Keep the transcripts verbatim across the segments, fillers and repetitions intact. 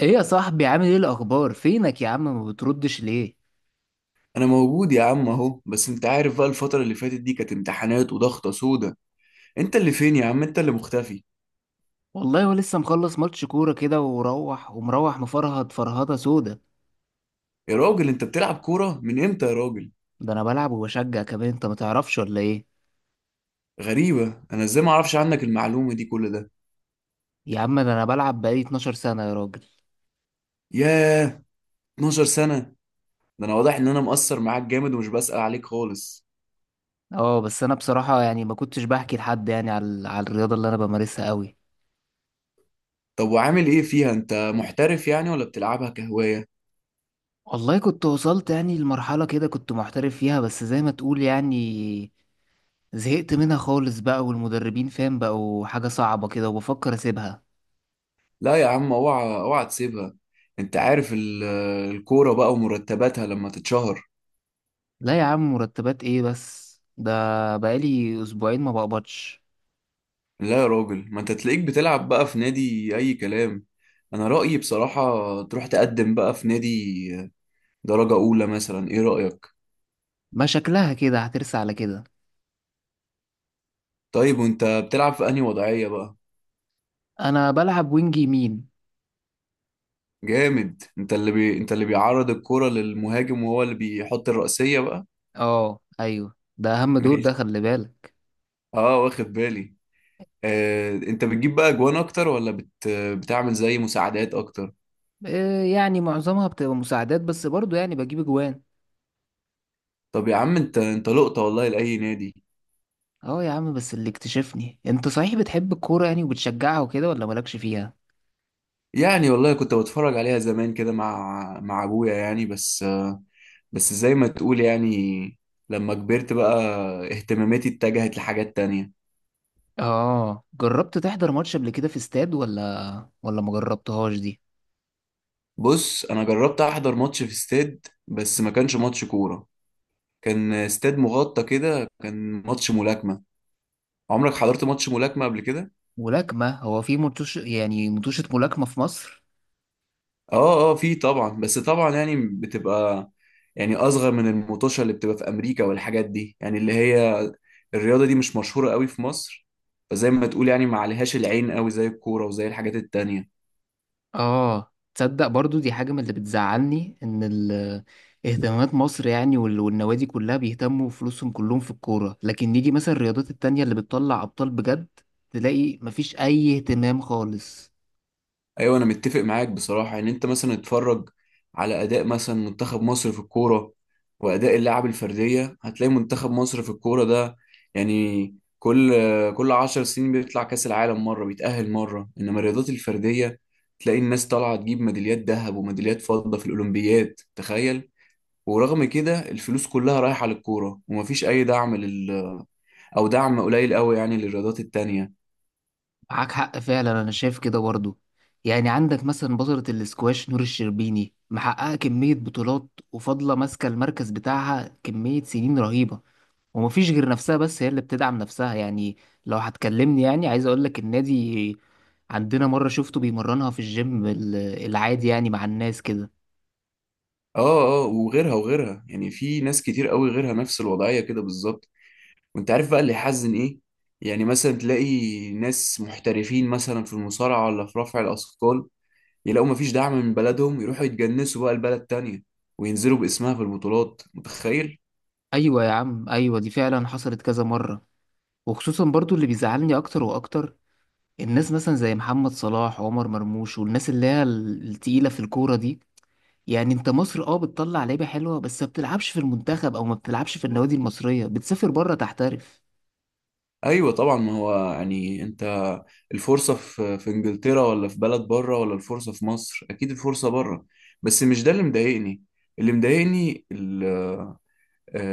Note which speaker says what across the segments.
Speaker 1: ايه يا صاحبي، عامل ايه؟ الاخبار؟ فينك يا عم؟ ما بتردش ليه؟
Speaker 2: انا موجود يا عم اهو، بس انت عارف بقى الفترة اللي فاتت دي كانت امتحانات وضغطة سودة. انت اللي فين يا عم؟ انت اللي مختفي.
Speaker 1: والله ولسه مخلص ماتش كوره كده وروح ومروح مفرهد فرهده سودا.
Speaker 2: يا راجل انت بتلعب كورة من امتى يا راجل؟
Speaker 1: ده انا بلعب وبشجع كمان، انت ما تعرفش ولا ايه؟
Speaker 2: غريبة، انا ازاي ما اعرفش عنك المعلومة دي كل ده؟
Speaker 1: يا عم ده انا بلعب بقالي اتناشر سنة سنه يا راجل.
Speaker 2: ياه، اتناشر سنة! ده انا واضح ان انا مقصر معاك جامد ومش بسأل عليك خالص.
Speaker 1: اه بس انا بصراحه يعني ما كنتش بحكي لحد يعني على على الرياضه اللي انا بمارسها قوي.
Speaker 2: طب وعامل ايه فيها؟ انت محترف يعني ولا بتلعبها كهواية؟
Speaker 1: والله كنت وصلت يعني لمرحله كده، كنت محترف فيها بس زي ما تقول يعني زهقت منها خالص بقى، والمدربين فاهم بقوا حاجه صعبه كده وبفكر اسيبها.
Speaker 2: لا يا عم، اوعى اوعى تسيبها. انت عارف ال- الكورة بقى ومرتباتها لما تتشهر.
Speaker 1: لا يا عم مرتبات ايه؟ بس ده بقالي اسبوعين ما بقبضش.
Speaker 2: لا يا راجل، ما انت تلاقيك بتلعب بقى في نادي اي كلام. انا رأيي بصراحة تروح تقدم بقى في نادي درجة اولى مثلا، ايه رأيك؟
Speaker 1: ما شكلها كده هترسى على كده.
Speaker 2: طيب وانت بتلعب في انهي وضعية بقى؟
Speaker 1: انا بلعب وينج يمين.
Speaker 2: جامد. انت اللي بي... انت اللي بيعرض الكرة للمهاجم وهو اللي بيحط الرأسية بقى.
Speaker 1: اه ايوه، ده اهم دور ده،
Speaker 2: ماشي.
Speaker 1: خلي بالك.
Speaker 2: اه، واخد بالي. آه... انت بتجيب بقى اجوان اكتر ولا بت... بتعمل زي مساعدات اكتر؟
Speaker 1: إيه يعني؟ معظمها بتبقى مساعدات بس برضو يعني بجيب اجوان.
Speaker 2: طب يا عم، انت انت لقطة والله لأي نادي.
Speaker 1: اه يا عم، بس اللي اكتشفني انت، صحيح بتحب الكورة يعني وبتشجعها وكده ولا مالكش فيها؟
Speaker 2: يعني والله كنت بتفرج عليها زمان كده مع مع ابويا يعني، بس. بس زي ما تقول يعني، لما كبرت بقى اهتماماتي اتجهت لحاجات تانية.
Speaker 1: اه، جربت تحضر ماتش قبل كده في استاد ولا ولا ما جربتهاش دي؟
Speaker 2: بص، انا جربت احضر ماتش في استاد بس ما كانش ماتش كورة. كان استاد مغطى كده، كان ماتش ملاكمة. عمرك حضرت ماتش ملاكمة قبل كده؟
Speaker 1: ملاكمة؟ هو في متوش يعني متوشة ملاكمة في مصر؟
Speaker 2: اه اه، في طبعا. بس طبعا يعني بتبقى يعني اصغر من المطوشة اللي بتبقى في امريكا والحاجات دي، يعني اللي هي الرياضة دي مش مشهورة قوي في مصر. فزي ما تقول يعني ما عليهاش العين قوي زي الكورة وزي الحاجات التانية.
Speaker 1: اه تصدق، برضو دي حاجة من اللي بتزعلني، ان ال- اهتمامات مصر يعني وال- والنوادي كلها بيهتموا فلوسهم كلهم في الكورة، لكن نيجي مثلا الرياضات التانية اللي بتطلع ابطال بجد، تلاقي مفيش اي اهتمام خالص.
Speaker 2: ايوه، انا متفق معاك بصراحه ان انت مثلا اتفرج على اداء مثلا منتخب مصر في الكوره، واداء اللاعب الفرديه. هتلاقي منتخب مصر في الكوره ده، يعني كل كل عشر سنين بيطلع كاس العالم مره، بيتاهل مره. انما الرياضات الفرديه، تلاقي الناس طالعه تجيب ميداليات ذهب وميداليات فضه في الاولمبياد، تخيل! ورغم كده الفلوس كلها رايحه للكوره ومفيش اي دعم لل- او دعم قليل قوي يعني للرياضات التانيه.
Speaker 1: معاك حق فعلا، انا شايف كده برضو. يعني عندك مثلا بطلة الاسكواش نور الشربيني، محققة كمية بطولات وفاضلة ماسكة المركز بتاعها كمية سنين رهيبة. ومفيش غير نفسها، بس هي اللي بتدعم نفسها يعني. لو هتكلمني يعني عايز اقول لك، النادي عندنا مرة شفته بيمرنها في الجيم ال- العادي يعني مع الناس كده.
Speaker 2: اه اه، وغيرها وغيرها، يعني في ناس كتير قوي غيرها نفس الوضعية كده بالظبط. وانت عارف بقى اللي يحزن ايه؟ يعني مثلا تلاقي ناس محترفين مثلا في المصارعة ولا في رفع الأثقال، يلاقوا مفيش دعم من بلدهم يروحوا يتجنسوا بقى لبلد تانية وينزلوا باسمها في البطولات، متخيل؟
Speaker 1: ايوه يا عم، ايوه دي فعلا حصلت كذا مرة. وخصوصا برضو اللي بيزعلني اكتر واكتر، الناس مثلا زي محمد صلاح وعمر مرموش، والناس اللي هي ال- التقيلة في الكورة دي. يعني انت مصر اه بتطلع لعيبة حلوة بس ما بتلعبش في المنتخب، او ما بتلعبش في النوادي المصرية، بتسافر بره تحترف.
Speaker 2: ايوه طبعا، ما هو يعني انت الفرصة في في انجلترا ولا في بلد بره ولا الفرصة في مصر، اكيد الفرصة بره. بس مش ده اللي مضايقني. اللي مضايقني، آه،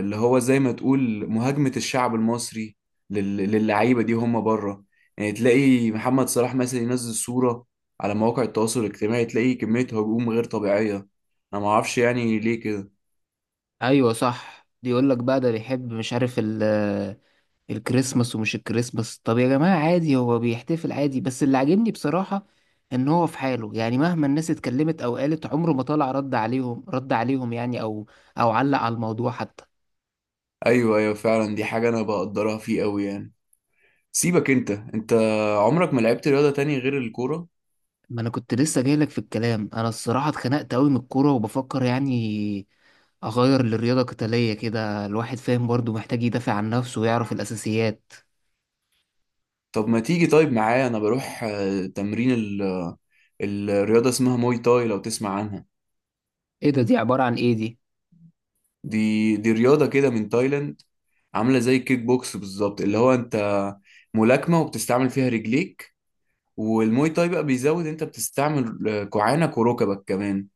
Speaker 2: اللي هو زي ما تقول مهاجمة الشعب المصري لل- للعيبة دي هم بره. يعني تلاقي محمد صلاح مثلا ينزل صورة على مواقع التواصل الاجتماعي، تلاقي كمية هجوم غير طبيعية. انا ما اعرفش يعني ليه كده.
Speaker 1: ايوه صح، بيقول لك بقى ده بيحب، مش عارف ال الكريسماس ومش الكريسماس. طب يا جماعة عادي، هو بيحتفل عادي. بس اللي عاجبني بصراحة ان هو في حاله يعني، مهما الناس اتكلمت او قالت عمره ما طلع رد عليهم رد عليهم يعني، او او علق على الموضوع حتى.
Speaker 2: ايوه ايوه، فعلا دي حاجة انا بقدرها فيه قوي يعني. سيبك انت. انت عمرك ما لعبت رياضة تاني غير الكورة؟
Speaker 1: ما انا كنت لسه جايلك في الكلام، انا الصراحة اتخنقت قوي من الكورة وبفكر يعني اغير لرياضة قتالية كده، الواحد فاهم برضو محتاج يدافع عن نفسه ويعرف الاساسيات.
Speaker 2: طب ما تيجي طيب معايا، انا بروح آه، تمرين ال- الرياضة اسمها موي تاي، لو تسمع عنها.
Speaker 1: ايه ده؟ دي عبارة عن ايه دي؟
Speaker 2: دي دي رياضة كده من تايلاند، عاملة زي الكيك بوكس بالظبط، اللي هو انت ملاكمة وبتستعمل فيها رجليك. والموي تاي بقى بيزود، انت بتستعمل آه، كوعانك وركبك كمان.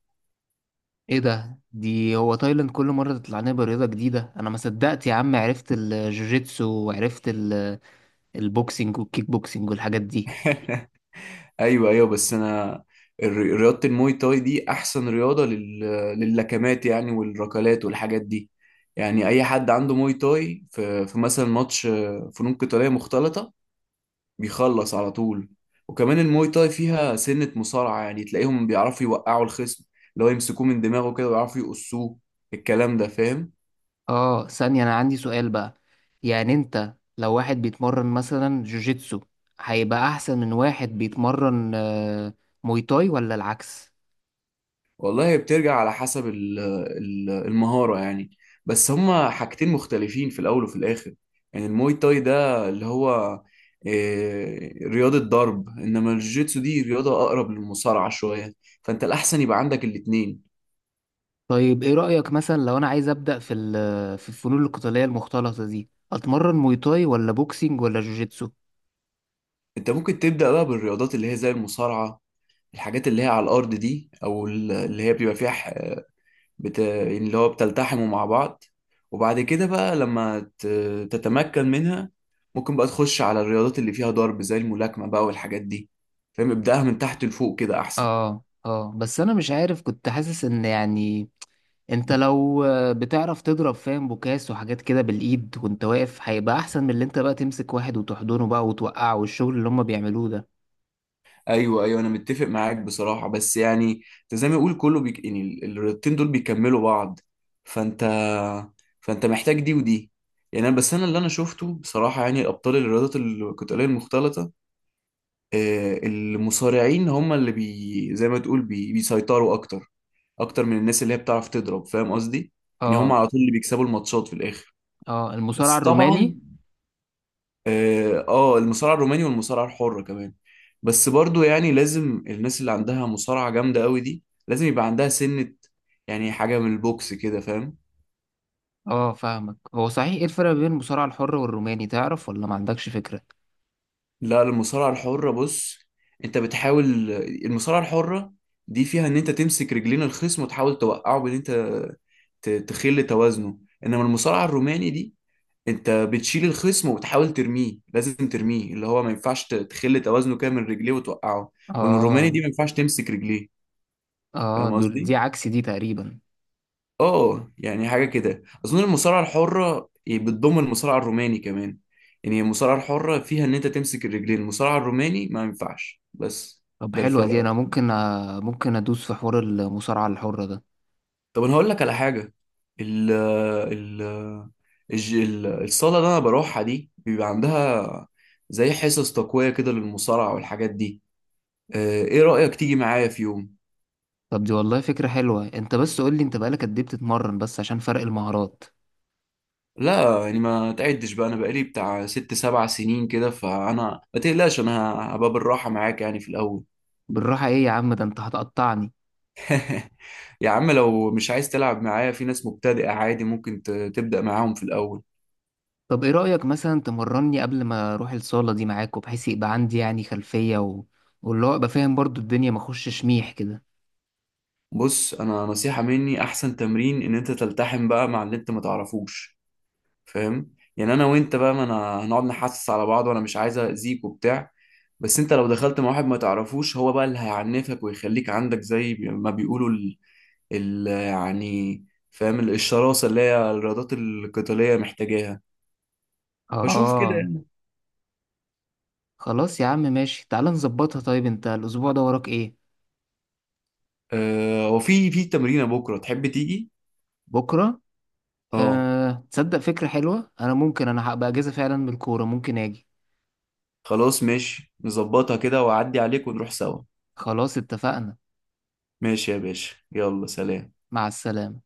Speaker 1: ايه ده؟ دي هو تايلاند كل مرة تطلع لنا برياضة جديدة، انا ما صدقت يا عم، عرفت الجوجيتسو وعرفت ال- البوكسينج والكيك بوكسينج والحاجات دي.
Speaker 2: ايوه ايوه، بس انا الر- رياضة الموي تاي دي احسن رياضة لل... لللكمات يعني والركلات والحاجات دي. يعني اي حد عنده موي تاي في, في مثلا ماتش آه، فنون قتالية مختلطة، بيخلص على طول. وكمان الموي تاي فيها سنة مصارعة، يعني تلاقيهم بيعرفوا يوقعوا الخصم، اللي هو يمسكوه من دماغه كده ويعرفوا يقصوه. الكلام ده فاهم؟
Speaker 1: اه، ثانية، انا عندي سؤال بقى. يعني انت لو واحد بيتمرن مثلا جوجيتسو، هيبقى احسن من واحد بيتمرن آه، موي تاي، ولا العكس؟
Speaker 2: والله هي بترجع على حسب ال- ال- المهارة يعني. بس هما حاجتين مختلفين في الأول وفي الآخر. يعني الموي تاي ده اللي هو إيه، رياضة ضرب، إنما الجوجيتسو دي رياضة أقرب للمصارعة شوية. فأنت الأحسن يبقى عندك الاتنين.
Speaker 1: طيب ايه رأيك مثلا لو انا عايز ابدأ في ال- في الفنون القتالية المختلطة دي، اتمرن موي تاي ولا بوكسينج ولا جوجيتسو؟
Speaker 2: أنت ممكن تبدأ بقى بالرياضات اللي هي زي المصارعة، الحاجات اللي هي على الارض دي، او ال- اللي هي بيبقى فيها ح- بت... يعني اللي هو بتلتحموا مع بعض. وبعد كده بقى لما ت... تتمكن منها، ممكن بقى تخش على الرياضات اللي فيها ضرب زي الملاكمة بقى والحاجات دي. فاهم، ابدأها من تحت لفوق كده احسن.
Speaker 1: اه اه، بس انا مش عارف، كنت حاسس ان يعني انت لو آه، بتعرف تضرب، فاهم، بوكاس وحاجات كده بالايد وانت واقف، هيبقى احسن من اللي انت بقى تمسك واحد وتحضنه بقى وتوقعه، والشغل اللي هم بيعملوه ده.
Speaker 2: ايوه ايوه، انا متفق معاك بصراحة، بس يعني انت زي ما يقول كله بيك... يعني ال- الرياضتين دول بيكملوا بعض. فانت فانت محتاج دي ودي. يعني انا بس انا اللي انا شفته بصراحة، يعني الابطال الرياضات القتالية المختلطة آه، المصارعين هم اللي بي زي ما تقول بي بيسيطروا اكتر، اكتر من الناس اللي هي بتعرف تضرب. فاهم قصدي؟ يعني هم
Speaker 1: اه
Speaker 2: على طول اللي بيكسبوا الماتشات في الاخر.
Speaker 1: اه، المصارع
Speaker 2: بس طبعا،
Speaker 1: الروماني.
Speaker 2: اه، آه، المصارعه الروماني والمصارعه الحره كمان. بس برضو يعني لازم الناس اللي عندها مصارعه جامده قوي دي لازم يبقى عندها سنه، يعني حاجه من البوكس كده، فاهم.
Speaker 1: اه فاهمك. هو صحيح ايه الفرق بين المصارع الحر والروماني؟ تعرف ولا ما عندكش فكرة؟
Speaker 2: لا، المصارعة الحرة بص، انت بتحاول. المصارعة الحرة دي فيها ان انت تمسك رجلين الخصم وتحاول توقعه بان انت ت- تخل توازنه. انما المصارعة الروماني دي، انت بتشيل الخصم وبتحاول ترميه، لازم ترميه، اللي هو ما ينفعش ت- تخل توازنه كده من رجليه وتوقعه. والروماني
Speaker 1: اه
Speaker 2: دي ما ينفعش تمسك رجليه.
Speaker 1: اه،
Speaker 2: فاهم
Speaker 1: دول
Speaker 2: قصدي؟
Speaker 1: دي عكس دي تقريبا.
Speaker 2: اه، يعني حاجة كده. أظن المصارعة الحرة بتضم المصارعة الروماني كمان، يعني المصارعة الحرة فيها إن أنت تمسك الرجلين، المصارعة الروماني ما ينفعش. بس
Speaker 1: طب
Speaker 2: ده
Speaker 1: حلوة دي،
Speaker 2: الفرق.
Speaker 1: انا ممكن آه، ممكن ادوس في حوار المصارعة الحرة ده.
Speaker 2: طب أنا هقول لك على حاجة. ال ال الج- ال- الصالة اللي أنا بروحها دي بيبقى عندها زي حصص تقوية كده للمصارعة والحاجات دي. آه، إيه رأيك تيجي معايا في يوم؟
Speaker 1: طب دي والله فكرة حلوة، انت بس قول لي انت بقالك قد ايه بتتمرن، بس عشان فرق المهارات.
Speaker 2: لا يعني ما تعدش بقى، أنا بقالي بتاع ست سبع سنين كده، فأنا ما تقلقش، أنا هبقى بالراحة معاك يعني في الأول.
Speaker 1: بالراحة ايه يا عم؟ ده انت هتقطعني.
Speaker 2: يا عم لو مش عايز تلعب معايا، في ناس مبتدئة عادي، ممكن ت- تبدأ معاهم في الأول.
Speaker 1: طب ايه رأيك مثلا تمرني قبل ما اروح الصالة دي معاك، وبحيث يبقى عندي يعني خلفية و... واللي هو ابقى فاهم برضو الدنيا، ما اخشش ميح كده.
Speaker 2: بص، أنا نصيحة مني، أحسن تمرين إن أنت تلتحم بقى مع اللي أنت ما تعرفوش. فاهم يعني أنا وأنت بقى، ما أنا هنقعد نحسس على بعض وأنا مش عايز أذيك وبتاع. بس أنت لو دخلت مع واحد ما تعرفوش هو بقى اللي هيعنفك ويخليك عندك زي بي- ما بيقولوا ال... ال... يعني، فاهم، ال- الشراسة اللي هي الرياضات القتالية محتاجاها. فشوف كده
Speaker 1: اه
Speaker 2: يعني.
Speaker 1: خلاص يا عم، ماشي، تعال نظبطها. طيب انت الاسبوع ده وراك ايه؟
Speaker 2: أه، وفي في تمرينة بكرة تحب تيجي؟
Speaker 1: بكرة؟
Speaker 2: اه،
Speaker 1: أه... تصدق فكرة حلوة، انا ممكن، انا هبقى اجازة فعلا من الكورة، ممكن اجي.
Speaker 2: خلاص ماشي، نظبطها كده وأعدي عليك ونروح سوا.
Speaker 1: خلاص اتفقنا.
Speaker 2: ماشي يا باشا، يلا سلام.
Speaker 1: مع السلامة.